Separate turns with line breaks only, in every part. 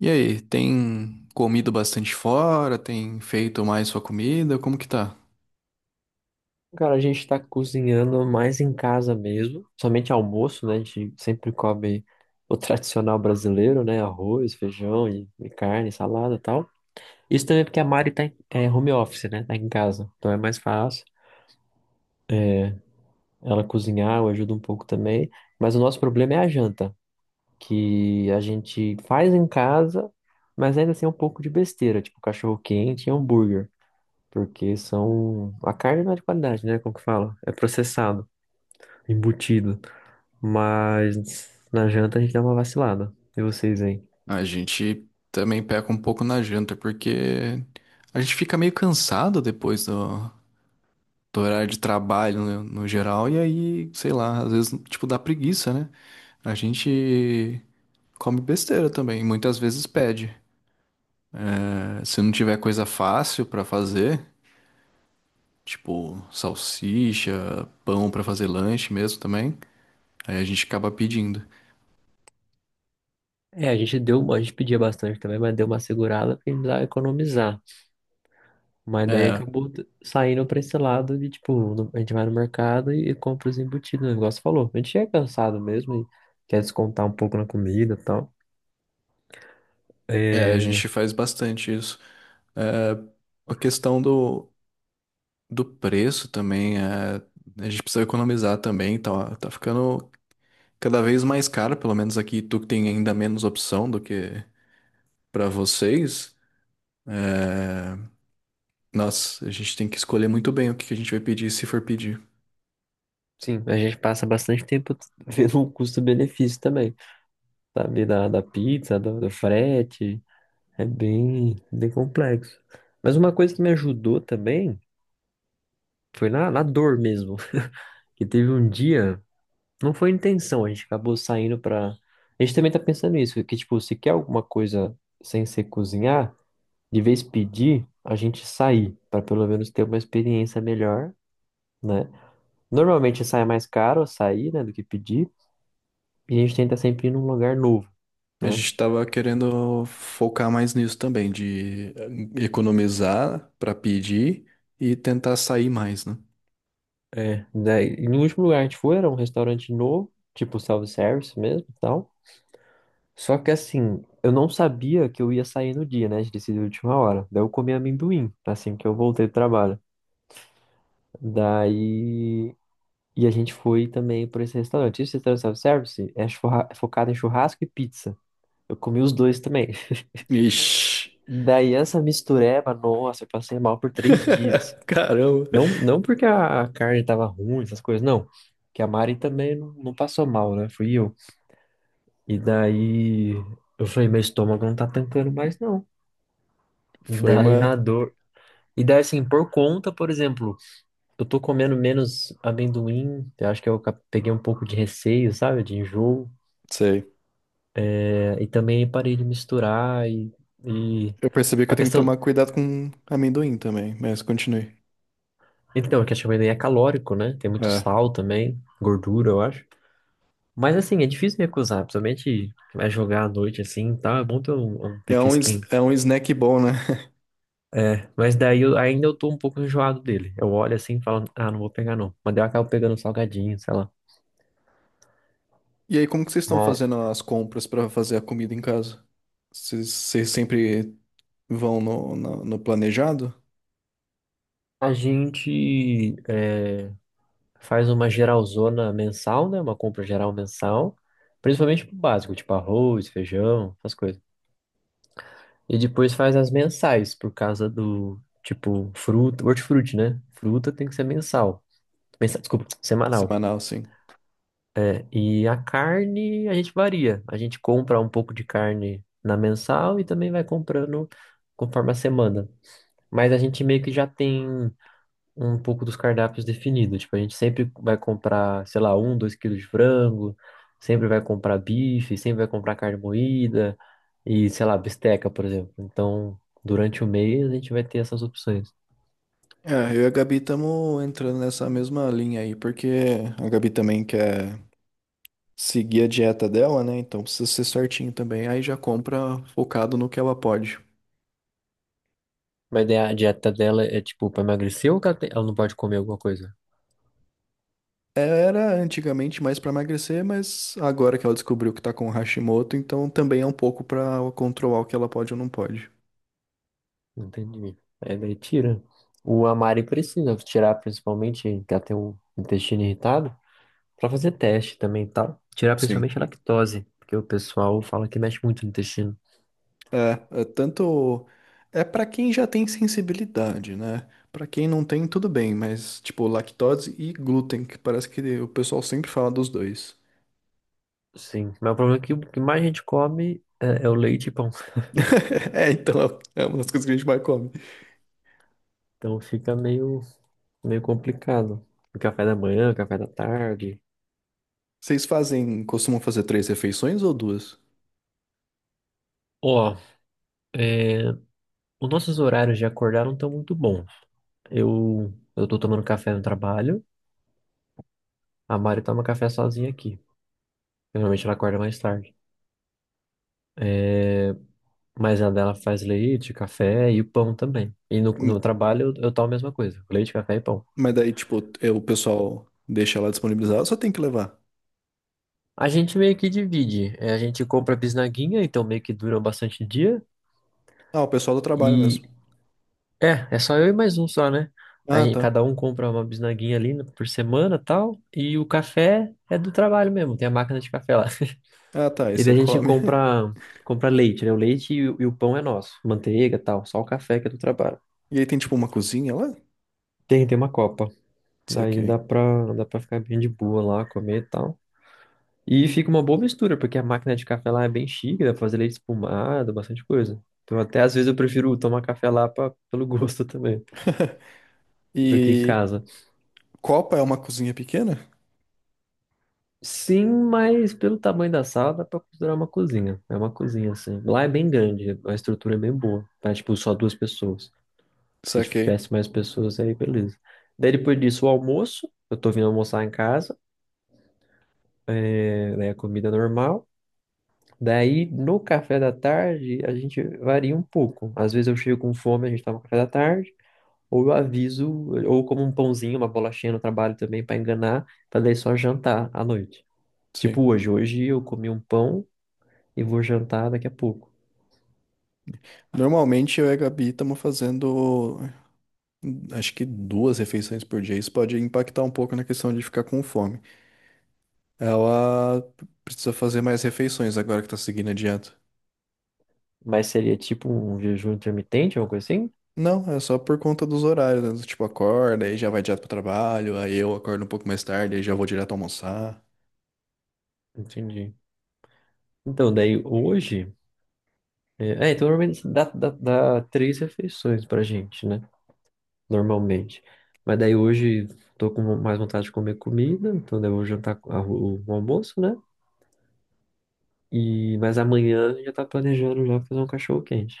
E aí, tem comido bastante fora? Tem feito mais sua comida? Como que tá?
Cara, a gente tá cozinhando mais em casa mesmo, somente almoço, né? A gente sempre come o tradicional brasileiro, né? Arroz, feijão e carne, salada e tal. Isso também porque a Mari é home office, né? Tá em casa, então é mais fácil ela cozinhar, eu ajudo um pouco também. Mas o nosso problema é a janta, que a gente faz em casa, mas ainda assim é um pouco de besteira, tipo cachorro quente e hambúrguer, A carne não é de qualidade, né? Como que fala? É processado, embutido. Mas na janta a gente dá uma vacilada. E vocês, hein?
A gente também peca um pouco na janta, porque a gente fica meio cansado depois do horário de trabalho no geral, e aí, sei lá, às vezes, tipo, dá preguiça, né? A gente come besteira também, muitas vezes pede. Se não tiver coisa fácil pra fazer, tipo salsicha, pão pra fazer lanche mesmo também, aí a gente acaba pedindo.
É, a gente pedia bastante também, mas deu uma segurada porque a gente precisava economizar. Mas daí
É,
acabou saindo pra esse lado de, tipo, a gente vai no mercado e compra os embutidos, o negócio falou. A gente chega cansado mesmo e quer descontar um pouco na comida e tal.
É, a
É,
gente faz bastante isso. É, a questão do preço também, a gente precisa economizar também, tá ficando cada vez mais caro, pelo menos aqui tu que tem ainda menos opção do que pra vocês. Nossa, a gente tem que escolher muito bem o que que a gente vai pedir, se for pedir.
sim, a gente passa bastante tempo vendo o custo-benefício também, sabe? Da pizza, do frete, é bem complexo. Mas uma coisa que me ajudou também. Foi na dor mesmo. Que teve um dia, não foi intenção, a gente acabou saindo pra. A gente também tá pensando nisso, que tipo, se quer alguma coisa sem ser cozinhar, de vez pedir, a gente sair, pra pelo menos ter uma experiência melhor, né? Normalmente sai mais caro sair, né, do que pedir, e a gente tenta sempre ir num lugar novo,
A
né?
gente tava querendo focar mais nisso também, de economizar pra pedir e tentar sair mais, né?
É. Daí, e no último lugar que a gente foi era um restaurante novo, tipo self-service mesmo e tal. Só que assim, eu não sabia que eu ia sair no dia, né? A gente decidiu de última hora. Daí eu comi amendoim, assim que eu voltei do trabalho. Daí. E a gente foi também por esse restaurante. Esse restaurante self-service é é focado em churrasco e pizza. Eu comi os dois também.
Ixi!
Daí essa mistureba, nossa, eu passei mal por 3 dias.
Caramba!
Não, não porque a carne tava ruim, essas coisas, não. Que a Mari também não passou mal, né? Fui eu. E daí eu falei, meu estômago não tá tancando mais, não.
Foi
Daí na
uma.
dor. E daí, assim, por conta, por exemplo, eu tô comendo menos amendoim, eu acho que eu peguei um pouco de receio, sabe, de enjoo,
Sei.
é, e também parei de misturar e
Eu percebi que
a
eu tenho que tomar
questão.
cuidado com amendoim também, mas continue.
Então, a questão do amendoim é calórico, né? Tem muito
É.
sal também, gordura, eu acho. Mas, assim, é difícil me acusar, principalmente vai jogar à noite, assim, tá tal, é bom ter um petisquinho.
É um snack bom, né?
É, mas daí eu, ainda eu tô um pouco enjoado dele. Eu olho assim e falo, ah, não vou pegar não. Mas daí eu acabo pegando um salgadinho, sei
E aí, como que vocês estão
lá.
fazendo as compras pra fazer a comida em casa? Vocês sempre vão no planejado?
A gente faz uma geralzona mensal, né? Uma compra geral mensal, principalmente pro básico, tipo arroz, feijão, essas coisas. E depois faz as mensais, por causa do, tipo, fruta, hortifruti, né? Fruta tem que ser mensal. Desculpa, semanal.
Semanal, sim.
Né? E a carne, a gente varia. A gente compra um pouco de carne na mensal e também vai comprando conforme a semana. Mas a gente meio que já tem um pouco dos cardápios definidos. Tipo, a gente sempre vai comprar, sei lá, um, 2 quilos de frango, sempre vai comprar bife, sempre vai comprar carne moída e, sei lá, bisteca, por exemplo. Então, durante o mês a gente vai ter essas opções.
É, eu e a Gabi estamos entrando nessa mesma linha aí, porque a Gabi também quer seguir a dieta dela, né? Então precisa ser certinho também. Aí já compra focado no que ela pode.
Mas daí a dieta dela é tipo pra emagrecer ou que ela, ela não pode comer alguma coisa?
Era antigamente mais para emagrecer, mas agora que ela descobriu que tá com Hashimoto, então também é um pouco para controlar o que ela pode ou não pode.
Entendi. Aí daí tira. O Amari precisa tirar principalmente, que ela tem o intestino irritado, pra fazer teste também e tal. Tirar
Sim.
principalmente a lactose, porque o pessoal fala que mexe muito no intestino.
É, é tanto é para quem já tem sensibilidade, né? Para quem não tem, tudo bem, mas tipo lactose e glúten, que parece que o pessoal sempre fala dos dois.
Sim, mas o problema é que o que mais a gente come é o leite e pão.
É, então é uma das coisas que a gente mais come.
Então fica meio complicado. O café da manhã, o café da tarde.
Vocês fazem, costumam fazer três refeições ou duas?
Ó, é, os nossos horários de acordar não estão muito bons. Eu tô tomando café no trabalho, a Mari toma café sozinha aqui. Normalmente ela acorda mais tarde. É, mas a dela faz leite, café e o pão também. E no
Hum.
trabalho eu tomo a mesma coisa, leite, café e pão.
Mas daí, tipo, é, o pessoal deixa lá disponibilizado, só tem que levar.
A gente meio que divide. É, a gente compra bisnaguinha, então meio que dura bastante dia.
Ah, o pessoal do trabalho
E
mesmo.
é só eu e mais um só, né? A
Ah,
gente,
tá.
cada um compra uma bisnaguinha ali por semana, tal, e o café é do trabalho mesmo, tem a máquina de café lá.
Ah, tá. Aí
E
você
daí a gente
come.
compra leite, né? O leite e o pão é nosso, manteiga, tal, só o café que é do trabalho.
E aí tem tipo uma cozinha lá?
Tem uma copa. Daí
Saquei.
dá para ficar bem de boa lá, comer e tal. E fica uma boa mistura, porque a máquina de café lá é bem chique, dá pra fazer leite espumado, bastante coisa. Então até às vezes eu prefiro tomar café lá pra, pelo gosto também, do que em
E
casa.
copa é uma cozinha pequena?
Sim, mas pelo tamanho da sala dá pra considerar uma cozinha. É uma cozinha, assim. Lá é bem grande, a estrutura é bem boa. Pra, tipo, só duas pessoas. Se
Saquei.
tivesse mais pessoas, aí beleza. Daí depois disso, o almoço. Eu tô vindo almoçar em casa. É, né, comida normal. Daí, no café da tarde, a gente varia um pouco. Às vezes eu chego com fome, a gente toma café da tarde. Ou eu aviso, ou como um pãozinho, uma bolachinha no trabalho também pra enganar, pra daí só jantar à noite. Tipo
Sim.
hoje eu comi um pão e vou jantar daqui a pouco.
Normalmente eu e a Gabi estamos fazendo, acho que duas refeições por dia. Isso pode impactar um pouco na questão de ficar com fome. Ela precisa fazer mais refeições agora que tá seguindo a dieta.
Mas seria tipo um jejum intermitente, alguma coisa assim?
Não, é só por conta dos horários, né? Tipo, acorda, aí já vai direto pro trabalho, aí eu acordo um pouco mais tarde, aí já vou direto almoçar.
Entendi. Então, daí hoje. Então normalmente assim, dá três refeições pra gente, né? Normalmente. Mas daí hoje tô com mais vontade de comer comida, então daí eu vou jantar o almoço, né? E, mas amanhã já tá planejando já fazer um cachorro quente.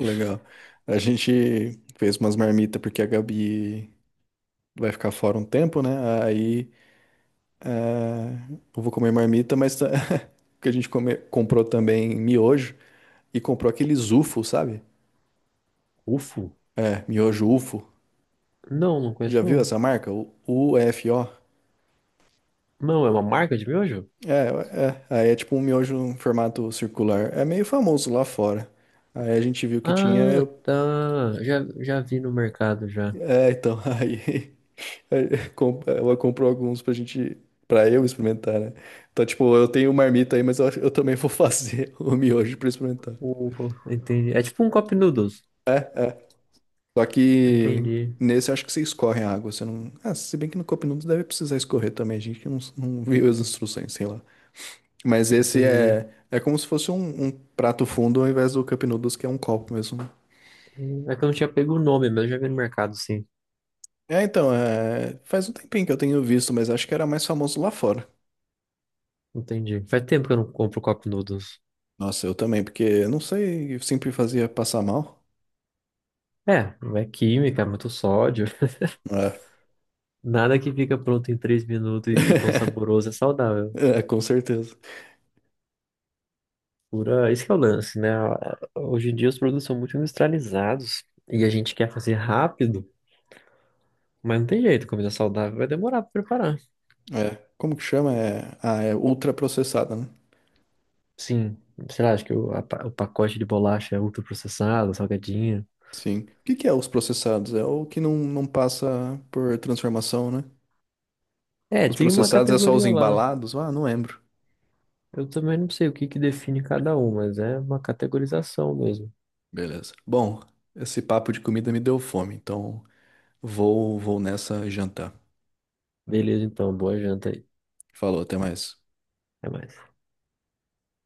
Legal. A gente fez umas marmitas porque a Gabi vai ficar fora um tempo, né? Aí ah, eu vou comer marmita, mas tá- que a gente come- comprou também miojo e comprou aqueles UFO, sabe?
Ufo.
É, miojo UFO.
Não, não
Já
conheço
viu
não.
essa marca? O UFO?
Não, é uma marca de miojo?
É, é. Aí é tipo um miojo em formato circular. É meio famoso lá fora. Aí a gente viu que tinha.
Ah,
Eu...
tá. Já vi no mercado já.
É, então, aí. Aí, com- Ela comprou alguns pra gente, pra eu experimentar, né? Então, tipo, eu tenho uma marmita aí, mas eu, acho- eu também vou fazer o miojo pra experimentar.
Ufa, entendi. É tipo um cup noodles.
Só que
Entendi,
nesse eu acho que você escorre a água, você não. Ah, se bem que no Cup Noodles deve precisar escorrer também, a gente não viu as instruções, sei lá. Mas esse
entendi.
é como se fosse um prato fundo ao invés do Cup Noodles, que é um copo mesmo. Né?
É que eu não tinha pego o nome, mas eu já vi no mercado, sim.
É, então, é, faz um tempinho que eu tenho visto, mas acho que era mais famoso lá fora.
Entendi. Faz tempo que eu não compro cup noodles.
Nossa, eu também, porque eu não sei, eu sempre fazia passar mal.
É, não é química, é muito sódio.
É.
Nada que fica pronto em 3 minutos e tão saboroso é saudável.
É, com certeza.
Esse que é o lance, né? Hoje em dia os produtos são muito industrializados e a gente quer fazer rápido, mas não tem jeito, comida saudável vai demorar pra preparar.
É. Como que chama? É, ah, é ultraprocessada, né?
Sim, sei lá, acho que o pacote de bolacha é ultraprocessado, salgadinho.
Sim. O que que é os processados? É o que não passa por transformação, né?
É,
Os
tem uma
processados é só os
categoria lá.
embalados? Ah, não lembro.
Eu também não sei o que que define cada um, mas é uma categorização mesmo.
Beleza. Bom, esse papo de comida me deu fome, então vou nessa jantar.
Beleza, então, boa janta aí.
Falou, até mais.
Até mais.